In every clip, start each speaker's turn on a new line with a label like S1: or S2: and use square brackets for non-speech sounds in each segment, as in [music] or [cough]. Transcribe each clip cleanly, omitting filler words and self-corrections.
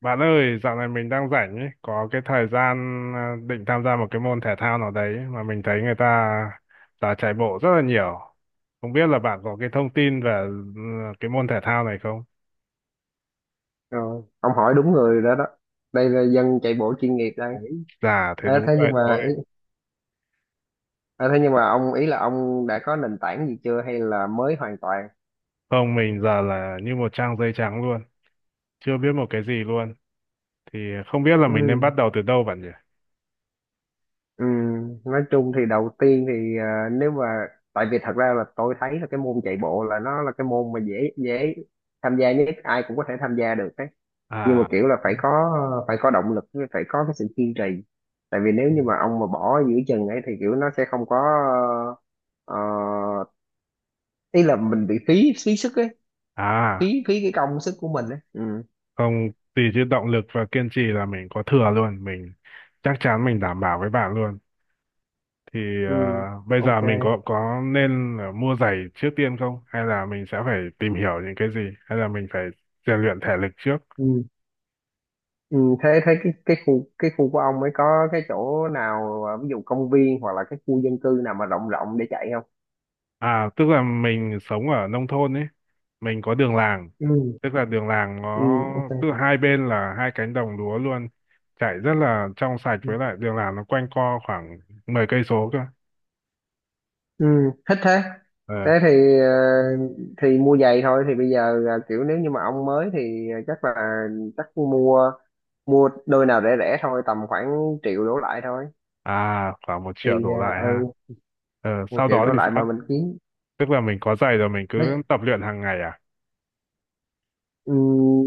S1: Bạn ơi, dạo này mình đang rảnh ấy, có cái thời gian định tham gia một cái môn thể thao nào đấy mà mình thấy người ta đã chạy bộ rất là nhiều. Không biết là bạn có cái thông tin về ừ, cái môn thể thao này không?
S2: Rồi, ông hỏi đúng người đó đó. Đây là dân chạy bộ chuyên nghiệp đây.
S1: Ôi, dạ, thế
S2: Thế
S1: đúng
S2: thế nhưng
S1: vậy thôi.
S2: mà ý, à, Thế nhưng mà ông ý là ông đã có nền tảng gì chưa hay là mới hoàn toàn?
S1: Không, mình giờ là như một trang giấy trắng luôn, chưa biết một cái gì luôn. Thì không biết là mình nên
S2: Ừ.
S1: bắt đầu từ đâu bạn nhỉ?
S2: Ừ, nói chung thì đầu tiên thì à, nếu mà tại vì thật ra là tôi thấy là cái môn chạy bộ là nó là cái môn mà dễ dễ tham gia nhất, ai cũng có thể tham gia được đấy, nhưng mà
S1: À,
S2: kiểu là phải có động lực, với phải có cái sự kiên trì. Tại vì nếu
S1: ừ.
S2: như mà ông mà bỏ giữa chừng ấy thì kiểu nó sẽ không có, ờ, ý là mình bị phí phí sức ấy,
S1: à,
S2: phí phí cái công sức của mình ấy. Ừ,
S1: không, tùy chứ động lực và kiên trì là mình có thừa luôn. Mình chắc chắn mình đảm bảo với bạn luôn. Thì
S2: ừ,
S1: bây giờ
S2: ok,
S1: mình có nên là mua giày trước tiên không, hay là mình sẽ phải tìm hiểu những cái gì, hay là mình phải rèn luyện thể lực trước?
S2: ừ, ừ, thế thế cái khu của ông ấy có cái chỗ nào, ví dụ công viên hoặc là cái khu dân cư nào mà rộng rộng để chạy không?
S1: À, tức là mình sống ở nông thôn ấy, mình có đường làng,
S2: Ừ,
S1: tức là đường làng
S2: ừ,
S1: nó
S2: ok,
S1: tức là hai bên là hai cánh đồng lúa luôn, chảy rất là trong sạch,
S2: ừ.
S1: với lại đường làng nó quanh co khoảng 10 cây số cơ.
S2: Ừ, thích thế. Thế
S1: Ờ,
S2: thì mua giày thôi. Thì bây giờ là kiểu nếu như mà ông mới thì chắc là, chắc mua mua đôi nào rẻ rẻ thôi, tầm khoảng triệu đổ lại thôi.
S1: à, khoảng một
S2: Thì
S1: triệu đổ lại ha?
S2: ừ,
S1: Ờ,
S2: một
S1: sau
S2: triệu
S1: đó
S2: đổ
S1: thì
S2: lại mà
S1: sao?
S2: mình kiếm,
S1: Tức là mình có giày rồi mình cứ
S2: nói.
S1: tập luyện hàng ngày À,
S2: Ừ,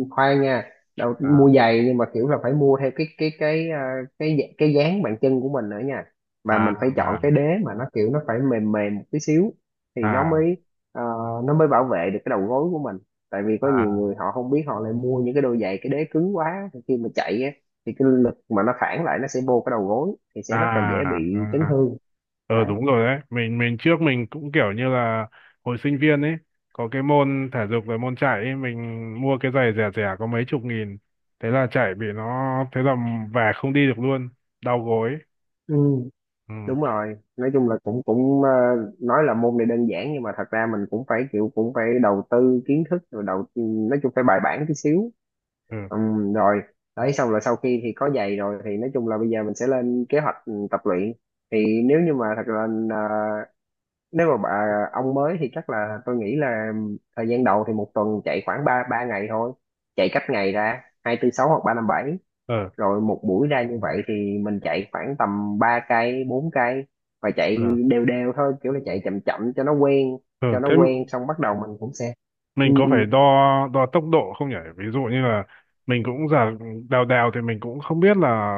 S2: khoan nha. Đầu
S1: à,
S2: mua giày nhưng mà kiểu là phải mua theo cái à, cái dạ- cái dáng bàn chân của mình nữa nha. Và
S1: à,
S2: mình phải chọn
S1: à,
S2: cái đế mà nó kiểu nó phải mềm mềm một tí xíu thì nó
S1: à.
S2: mới, ờ, nó mới bảo vệ được cái đầu gối của mình. Tại vì có nhiều
S1: À,
S2: người họ không biết, họ lại mua những cái đôi giày cái đế cứng quá, thì khi mà chạy á, thì cái lực mà nó phản lại nó sẽ vô cái đầu gối thì sẽ rất là dễ
S1: à, à.
S2: bị chấn thương.
S1: Ờ,
S2: Đấy.
S1: đúng rồi đấy, mình trước mình cũng kiểu như là hồi sinh viên ấy, có cái môn thể dục rồi môn chạy ấy, mình mua cái giày rẻ rẻ có mấy chục nghìn, thế là chạy bị nó, thế là về không đi được luôn, đau gối.
S2: Ừ.
S1: Ừ.
S2: Đúng rồi, nói chung là cũng cũng nói là môn này đơn giản nhưng mà thật ra mình cũng phải kiểu, cũng phải đầu tư kiến thức rồi đầu, nói chung phải bài bản tí xíu.
S1: Ừ.
S2: Rồi, đấy, xong rồi sau khi thì có giày rồi thì nói chung là bây giờ mình sẽ lên kế hoạch, tập luyện. Thì nếu như mà thật là, ờ, nếu mà ông mới thì chắc là tôi nghĩ là thời gian đầu thì một tuần chạy khoảng ba ba ngày thôi, chạy cách ngày ra hai tư sáu hoặc ba năm bảy.
S1: Ờ.
S2: Rồi một buổi ra như vậy thì mình chạy khoảng tầm 3 cây 4 cây, và chạy
S1: Ờ.
S2: đều đều thôi, kiểu là chạy chậm chậm cho nó quen,
S1: Ờ, thế
S2: xong bắt đầu mình cũng sẽ, ừ,
S1: mình có
S2: ừ,
S1: phải đo đo tốc độ không nhỉ, ví dụ như là mình cũng giờ đèo đèo thì mình cũng không biết là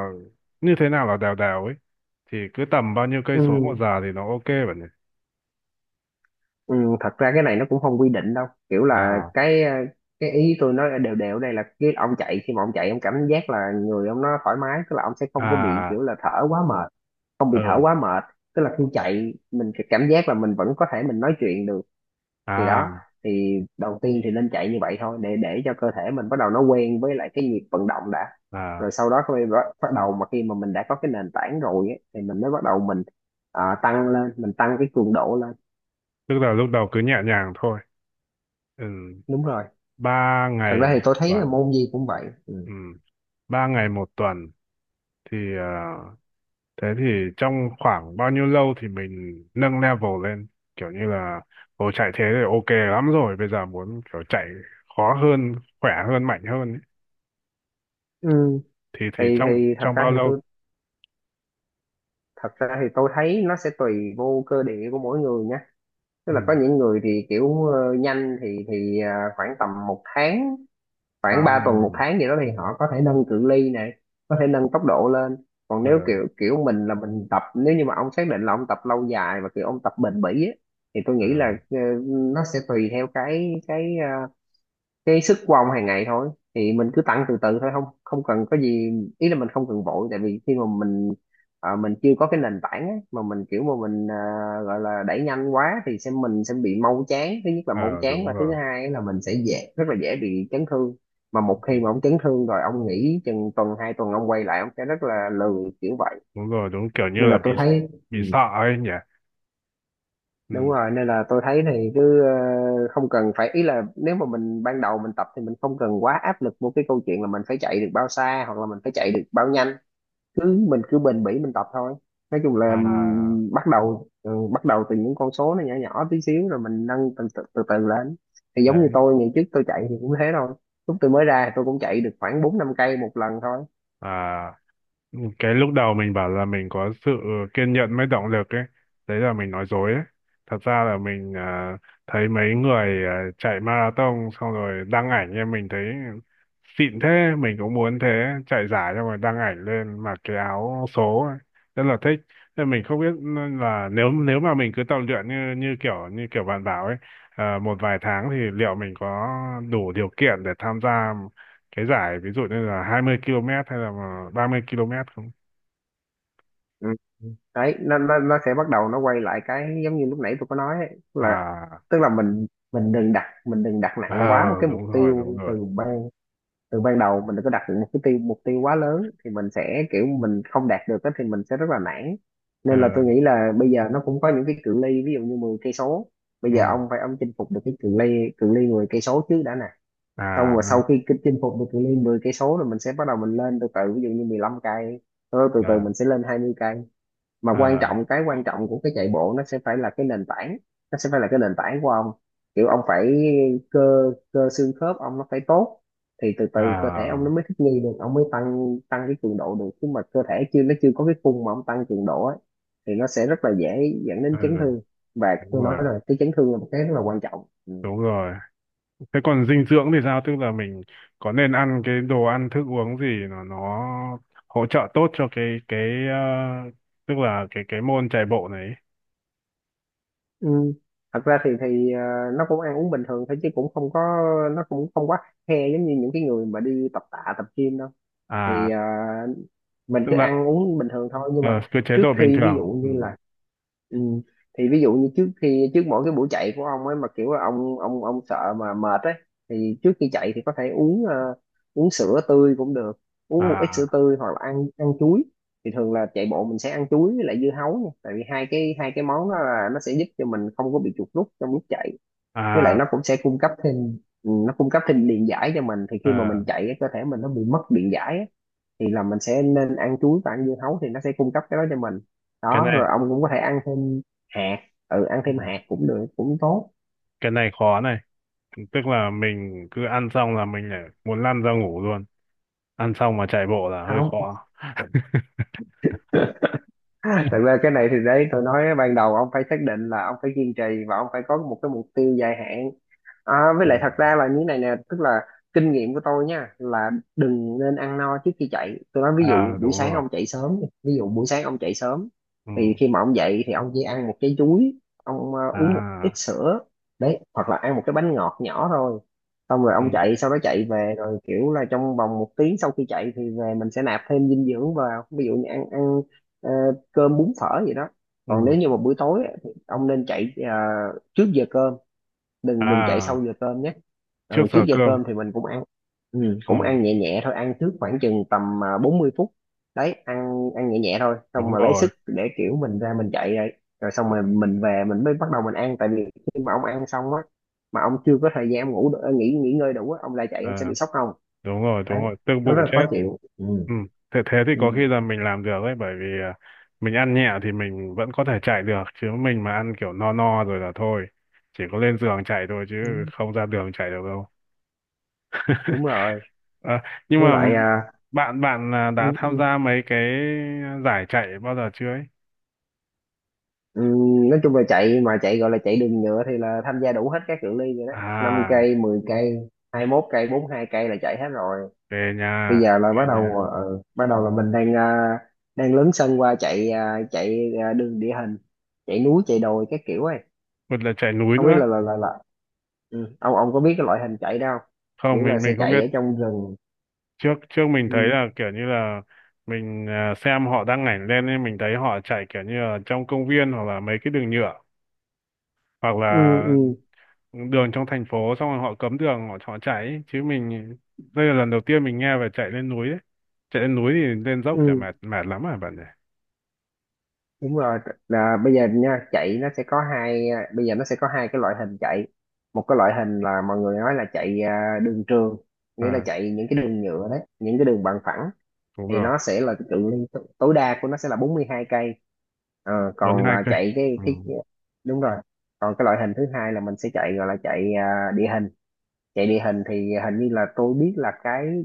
S1: như thế nào là đèo đèo ấy, thì cứ tầm bao nhiêu cây
S2: ừ,
S1: số một giờ thì nó ok bạn nhỉ?
S2: ừ. Thật ra cái này nó cũng không quy định đâu, kiểu là
S1: À.
S2: cái, cái ý tôi nói là đều đều ở đây là cái ông chạy, khi mà ông chạy ông cảm giác là người ông nó thoải mái, tức là ông sẽ không có bị kiểu
S1: À.
S2: là thở quá mệt, không bị thở
S1: Ờ.
S2: quá mệt, tức là khi chạy mình sẽ cảm giác là mình vẫn có thể mình nói chuyện được. Thì
S1: À.
S2: đó, thì đầu tiên thì nên chạy như vậy thôi để cho cơ thể mình bắt đầu nó quen với lại cái nhịp vận động đã. Rồi
S1: À,
S2: sau đó khi bắt bắt đầu mà khi mà mình đã có cái nền tảng rồi ấy, thì mình mới bắt đầu mình, tăng lên, mình tăng cái cường độ lên.
S1: tức là lúc đầu cứ nhẹ nhàng thôi. Ừ,
S2: Đúng rồi,
S1: ba
S2: thật
S1: ngày
S2: ra thì
S1: một
S2: tôi thấy là
S1: tuần.
S2: môn gì cũng vậy. Ừ.
S1: Ừ, ba ngày một tuần thì thế thì trong khoảng bao nhiêu lâu thì mình nâng level lên, kiểu như là ồ chạy thế thì ok lắm rồi, bây giờ muốn kiểu chạy khó hơn, khỏe hơn, mạnh hơn ấy,
S2: Ừ.
S1: thì trong
S2: Thì thật
S1: trong
S2: ra
S1: bao
S2: thì
S1: lâu?
S2: tôi Thật ra thì tôi thấy nó sẽ tùy vô cơ địa của mỗi người nhé. Tức
S1: Ừ.
S2: là có những người thì kiểu, nhanh thì khoảng tầm một tháng,
S1: À.
S2: khoảng 3 tuần một
S1: Ừ.
S2: tháng gì đó thì họ có thể nâng cự ly này, có thể nâng tốc độ lên. Còn nếu
S1: Ờ.
S2: kiểu kiểu mình là mình tập, nếu như mà ông xác định là ông tập lâu dài và kiểu ông tập bền bỉ á, thì tôi
S1: Ờ.
S2: nghĩ là, nó sẽ tùy theo cái sức của ông hàng ngày thôi. Thì mình cứ tăng từ từ thôi, không không cần có gì, ý là mình không cần vội. Tại vì khi mà mình, mình chưa có cái nền tảng á, mà mình kiểu mà mình, gọi là đẩy nhanh quá thì mình sẽ bị mau chán, thứ nhất là mau
S1: Ờ,
S2: chán,
S1: đúng
S2: và thứ
S1: rồi.
S2: hai là mình sẽ dễ, rất là dễ bị chấn thương. Mà một khi
S1: Ừ.
S2: mà ông chấn thương rồi ông nghỉ chừng tuần 2 tuần ông quay lại ông sẽ rất là lười kiểu vậy.
S1: Đúng rồi, đúng, kiểu như
S2: Nên
S1: là
S2: là tôi thấy,
S1: bị
S2: ừ,
S1: sợ ấy nhỉ.
S2: đúng
S1: Ừ.
S2: rồi, nên là tôi thấy thì cứ, không cần phải, ý là nếu mà mình ban đầu mình tập thì mình không cần quá áp lực một cái câu chuyện là mình phải chạy được bao xa hoặc là mình phải chạy được bao nhanh. Cứ mình cứ bền bỉ mình tập thôi. Nói chung là
S1: À,
S2: bắt đầu từ những con số nó nhỏ nhỏ tí xíu rồi mình nâng từ từ, từ từ lên. Thì giống như
S1: đấy,
S2: tôi ngày trước tôi chạy thì cũng thế thôi, lúc tôi mới ra tôi cũng chạy được khoảng bốn năm cây một lần thôi.
S1: à, cái lúc đầu mình bảo là mình có sự kiên nhẫn mới động lực ấy, đấy là mình nói dối ấy. Thật ra là mình thấy mấy người chạy marathon xong rồi đăng ảnh em, mình thấy xịn thế, mình cũng muốn thế. Chạy giải xong rồi đăng ảnh lên mặc cái áo số ấy, rất là thích. Nên mình không biết là nếu nếu mà mình cứ tập luyện như như kiểu bạn bảo ấy, à, một vài tháng thì liệu mình có đủ điều kiện để tham gia cái giải ví dụ như là 20 km hay là mà 30 km không?
S2: Ừ. Đấy, nó sẽ bắt đầu nó quay lại cái giống như lúc nãy tôi có nói ấy, tức là,
S1: À.
S2: tức là mình mình đừng đặt,
S1: Ờ,
S2: nặng quá một cái mục
S1: đúng rồi, đúng
S2: tiêu
S1: rồi.
S2: từ ban, đầu. Mình đừng có đặt một cái mục tiêu quá lớn thì mình sẽ kiểu mình không đạt được á thì mình sẽ rất là nản.
S1: Ờ.
S2: Nên là tôi nghĩ là bây giờ nó cũng có những cái cự ly, ví dụ như 10 cây số. Bây giờ
S1: Ừ.
S2: ông phải, ông chinh phục được cái cự ly 10 cây số trước đã nè. Xong
S1: À.
S2: rồi sau khi cái chinh phục được cự ly 10 cây số rồi mình sẽ bắt đầu mình lên từ từ, ví dụ như 15 cây, sau đó từ từ
S1: Ờ.
S2: mình sẽ lên 20 cây. Mà
S1: Ờ.
S2: quan trọng cái quan trọng của cái chạy bộ nó sẽ phải là cái nền tảng, nó sẽ phải là cái nền tảng của ông. Kiểu ông phải, cơ cơ xương khớp ông nó phải tốt. Thì từ từ cơ thể
S1: À.
S2: ông nó mới thích nghi được ông mới tăng tăng cái cường độ được. Chứ mà cơ thể chưa nó chưa có cái khung mà ông tăng cường độ ấy, thì nó sẽ rất là dễ dẫn
S1: Ừ,
S2: đến chấn thương. Và
S1: đúng
S2: tôi nói
S1: rồi,
S2: rồi, cái chấn thương là một cái rất là quan trọng. Ừ.
S1: đúng rồi. Thế còn dinh dưỡng thì sao, tức là mình có nên ăn cái đồ ăn thức uống gì nó hỗ trợ tốt cho cái ờ, tức là cái môn chạy bộ này ấy?
S2: Ừ. Thật ra thì nó cũng ăn uống bình thường thôi chứ cũng không có, nó cũng không quá khe giống như những cái người mà đi tập tạ tập gym đâu. Thì
S1: À,
S2: mình
S1: tức
S2: cứ
S1: là
S2: ăn uống bình thường thôi, nhưng mà
S1: ờ, cái chế
S2: trước
S1: độ bình
S2: khi ví
S1: thường.
S2: dụ
S1: Ừ.
S2: như là, ừ, thì ví dụ như trước khi, trước mỗi cái buổi chạy của ông ấy mà kiểu là ông sợ mà mệt ấy, thì trước khi chạy thì có thể uống, uống sữa tươi cũng được, uống một ít
S1: À.
S2: sữa tươi hoặc là ăn, ăn chuối. Thì thường là chạy bộ mình sẽ ăn chuối với lại dưa hấu nha. Tại vì hai cái món đó là nó sẽ giúp cho mình không có bị chuột rút trong lúc chạy, với lại
S1: À.
S2: nó cũng sẽ cung cấp thêm, nó cung cấp thêm điện giải cho mình, thì khi mà
S1: Ờ,
S2: mình chạy cái cơ thể mình nó bị mất điện giải á, thì là mình sẽ nên ăn chuối và ăn dưa hấu thì nó sẽ cung cấp cái đó cho mình.
S1: cái
S2: Đó, rồi
S1: này.
S2: ông cũng có thể ăn thêm hạt, ừ, ăn thêm
S1: Ừ.
S2: hạt cũng được, cũng tốt.
S1: Cái này khó này, tức là mình cứ ăn xong là mình lại muốn lăn ra ngủ luôn, ăn xong mà chạy bộ là hơi
S2: Không,
S1: khó.
S2: [laughs] thật ra cái này thì, đấy, tôi nói ban đầu ông phải xác định là ông phải kiên trì, và ông phải có một cái mục tiêu dài hạn. À, với
S1: Ừ.
S2: lại thật ra là như này nè, tức là kinh nghiệm của tôi nha là đừng nên ăn no trước khi chạy. Tôi nói, ví dụ
S1: À,
S2: buổi
S1: đúng
S2: sáng
S1: rồi.
S2: ông chạy sớm, đi. Ví dụ buổi sáng ông chạy sớm, thì
S1: Ừ.
S2: khi mà ông dậy thì ông chỉ ăn một trái chuối, ông, uống một ít
S1: À.
S2: sữa. Đấy, hoặc là ăn một cái bánh ngọt nhỏ thôi. Xong rồi
S1: Ừ.
S2: ông chạy, sau đó chạy về, rồi kiểu là trong vòng một tiếng sau khi chạy thì về mình sẽ nạp thêm dinh dưỡng vào, ví dụ như ăn ăn ờ, cơm bún phở gì đó. Còn nếu
S1: Ừ.
S2: như mà buổi tối á, thì ông nên chạy trước giờ cơm, đừng đừng chạy
S1: À,
S2: sau giờ cơm nhé.
S1: trước
S2: Ừ, trước
S1: giờ
S2: giờ
S1: cơm.
S2: cơm thì mình cũng ăn, ừ, cũng
S1: Ừ,
S2: ăn nhẹ nhẹ thôi, ăn trước khoảng chừng tầm 40 phút. Đấy, ăn ăn nhẹ nhẹ thôi, xong
S1: đúng
S2: mà lấy
S1: rồi.
S2: sức để kiểu mình ra mình chạy rồi, rồi xong rồi mình về mình mới bắt đầu mình ăn. Tại vì khi mà ông ăn xong á, mà ông chưa có thời gian ông nghỉ nghỉ ngơi đủ á, ông lại chạy ông sẽ
S1: À,
S2: bị sốc không.
S1: đúng rồi, đúng
S2: Đấy,
S1: rồi, tức
S2: nó rất
S1: bụng
S2: là khó
S1: chết.
S2: chịu. Ừ.
S1: Ừ. Thế thế thì
S2: Ừ.
S1: có khi là mình làm được đấy, bởi vì mình ăn nhẹ thì mình vẫn có thể chạy được, chứ mình mà ăn kiểu no no rồi là thôi, chỉ có lên giường chạy thôi chứ
S2: Đúng,
S1: không ra đường chạy được.
S2: đúng rồi.
S1: Ờ, nhưng
S2: Với
S1: mà
S2: lại, à,
S1: bạn bạn đã
S2: ừ,
S1: tham
S2: ừ.
S1: gia mấy cái giải chạy bao giờ chưa ấy?
S2: Nói chung là chạy, mà chạy gọi là chạy đường nhựa thì là tham gia đủ hết các cự ly rồi đó. Năm
S1: À,
S2: cây, 10 cây, hai mốt cây, bốn hai cây là chạy hết rồi.
S1: về
S2: Bây
S1: nhà,
S2: giờ là bắt
S1: về
S2: đầu,
S1: nhà.
S2: bắt đầu là mình đang đang lớn sân qua chạy chạy đường địa hình, chạy núi chạy đồi các kiểu ấy.
S1: Một là chạy núi
S2: Không biết
S1: nữa.
S2: là. Ừ. Ông có biết cái loại hình chạy đó không?
S1: Không,
S2: Kiểu là
S1: mình
S2: sẽ
S1: mình không biết.
S2: chạy ở trong rừng.
S1: Trước trước mình
S2: Ừ.
S1: thấy là kiểu như là mình xem họ đăng ảnh lên nên mình thấy họ chạy kiểu như là trong công viên, hoặc là mấy cái đường nhựa, hoặc
S2: Ừ,
S1: là
S2: ừ,
S1: đường trong thành phố xong rồi họ cấm đường họ họ chạy ấy. Chứ mình đây là lần đầu tiên mình nghe về chạy lên núi ấy. Chạy lên núi thì lên dốc chả
S2: ừ.
S1: mệt mệt lắm à bạn nhỉ?
S2: Đúng rồi. Là bây giờ nha, chạy nó sẽ có hai, bây giờ nó sẽ có hai cái loại hình chạy. Một cái loại hình là mọi người nói là chạy, đường trường, nghĩa là
S1: À,
S2: chạy những cái đường nhựa đấy, những cái đường bằng phẳng,
S1: đúng
S2: thì
S1: rồi.
S2: nó sẽ là cái cự ly tối đa của nó sẽ là 42 cây. Ờ,
S1: bốn
S2: còn
S1: hai cây
S2: chạy cái
S1: Ừ.
S2: cái đúng rồi, còn cái loại hình thứ hai là mình sẽ chạy gọi là chạy địa hình. Chạy địa hình thì hình như là tôi biết là cái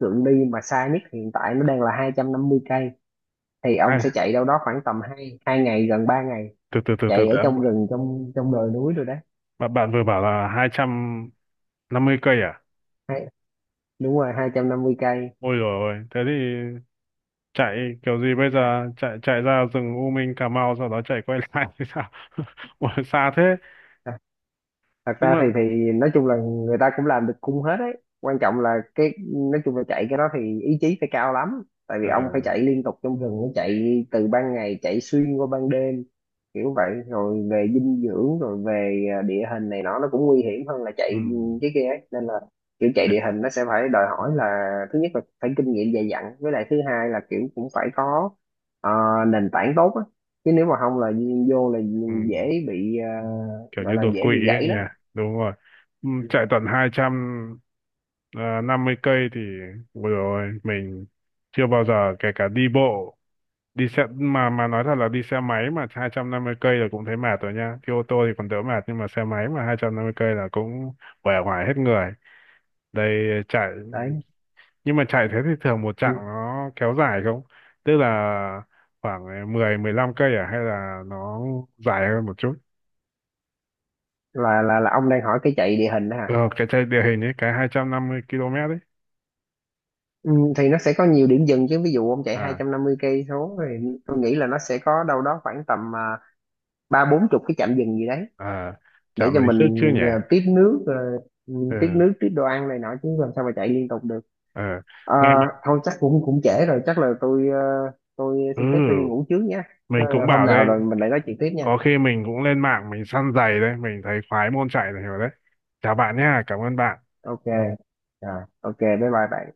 S2: cự ly mà xa nhất hiện tại nó đang là 250 cây, thì ông
S1: Hai,
S2: sẽ chạy đâu đó khoảng tầm hai hai ngày gần 3 ngày,
S1: từ từ từ từ
S2: chạy ở
S1: từ,
S2: trong rừng, trong trong đồi núi rồi đấy.
S1: bạn bạn vừa bảo là 250 cây à?
S2: Hai- Đúng rồi, 250 cây.
S1: Ôi rồi ôi, thế thì chạy kiểu gì bây giờ, chạy chạy ra rừng U Minh Cà Mau sau đó chạy quay [laughs] lại thì sao? [laughs] Ôi, xa thế.
S2: Thật
S1: Nhưng
S2: ra thì
S1: mà
S2: nói chung là người ta cũng làm được cung hết đấy, quan trọng là cái, nói chung là chạy cái đó thì ý chí phải cao lắm, tại vì
S1: ờ,
S2: ông phải chạy liên tục trong rừng, nó chạy từ ban ngày chạy xuyên qua ban đêm kiểu vậy, rồi về dinh dưỡng rồi về địa hình này nọ nó cũng nguy hiểm hơn là
S1: ừ.
S2: chạy cái kia ấy, nên là kiểu chạy
S1: Thế.
S2: địa hình nó sẽ phải đòi hỏi là thứ nhất là phải kinh nghiệm dày dặn, với lại thứ hai là kiểu cũng phải có, ờ, nền tảng tốt á, chứ nếu mà không là vô là
S1: Ừ.
S2: dễ bị,
S1: Kiểu
S2: gọi
S1: như
S2: là
S1: đột quỵ
S2: dễ bị
S1: ấy
S2: gãy
S1: nhỉ.
S2: đó.
S1: Đúng rồi. Ừ,
S2: Ừ.
S1: chạy tận 200 ờ, 50 cây thì vừa rồi mình chưa bao giờ, kể cả đi bộ, đi xe, mà nói thật là đi xe máy mà 250 cây là cũng thấy mệt rồi nha, đi ô tô thì còn đỡ mệt nhưng mà xe máy mà 250 cây là cũng uể oải hết người. Đây chạy,
S2: Đấy.
S1: nhưng mà chạy thế thì thường một
S2: Ừ.
S1: chặng nó kéo dài không, tức là khoảng mười mười 15 cây à, hay là nó dài hơn một chút?
S2: Là ông đang hỏi cái chạy địa hình đó hả?
S1: Ờ, cái chạy địa hình ấy, cái 250 km ấy.
S2: Ừ, thì nó sẽ có nhiều điểm dừng chứ, ví dụ ông chạy
S1: À.
S2: 250 cây số thì tôi nghĩ là nó sẽ có đâu đó khoảng tầm ba bốn chục cái trạm dừng gì đấy,
S1: À,
S2: để
S1: chạm
S2: cho
S1: lấy
S2: mình
S1: sức chứ nhỉ?
S2: tiếp nước, ừ,
S1: Ừ,
S2: tiếp nước tiếp đồ ăn này nọ, chứ làm sao mà chạy liên tục được.
S1: ừ.
S2: Ờ,
S1: Nghe.
S2: thôi chắc cũng cũng trễ rồi, chắc là tôi tôi xin phép tôi đi
S1: Ừ,
S2: ngủ trước nhé.
S1: mình cũng
S2: Ờ, hôm
S1: bảo
S2: nào
S1: đây,
S2: rồi mình lại nói chuyện tiếp nha.
S1: có khi mình cũng lên mạng mình săn giày đấy, mình thấy khoái môn chạy này rồi đấy. Chào bạn nhá, cảm ơn bạn.
S2: Ok. Rồi, ok, bye bye bạn.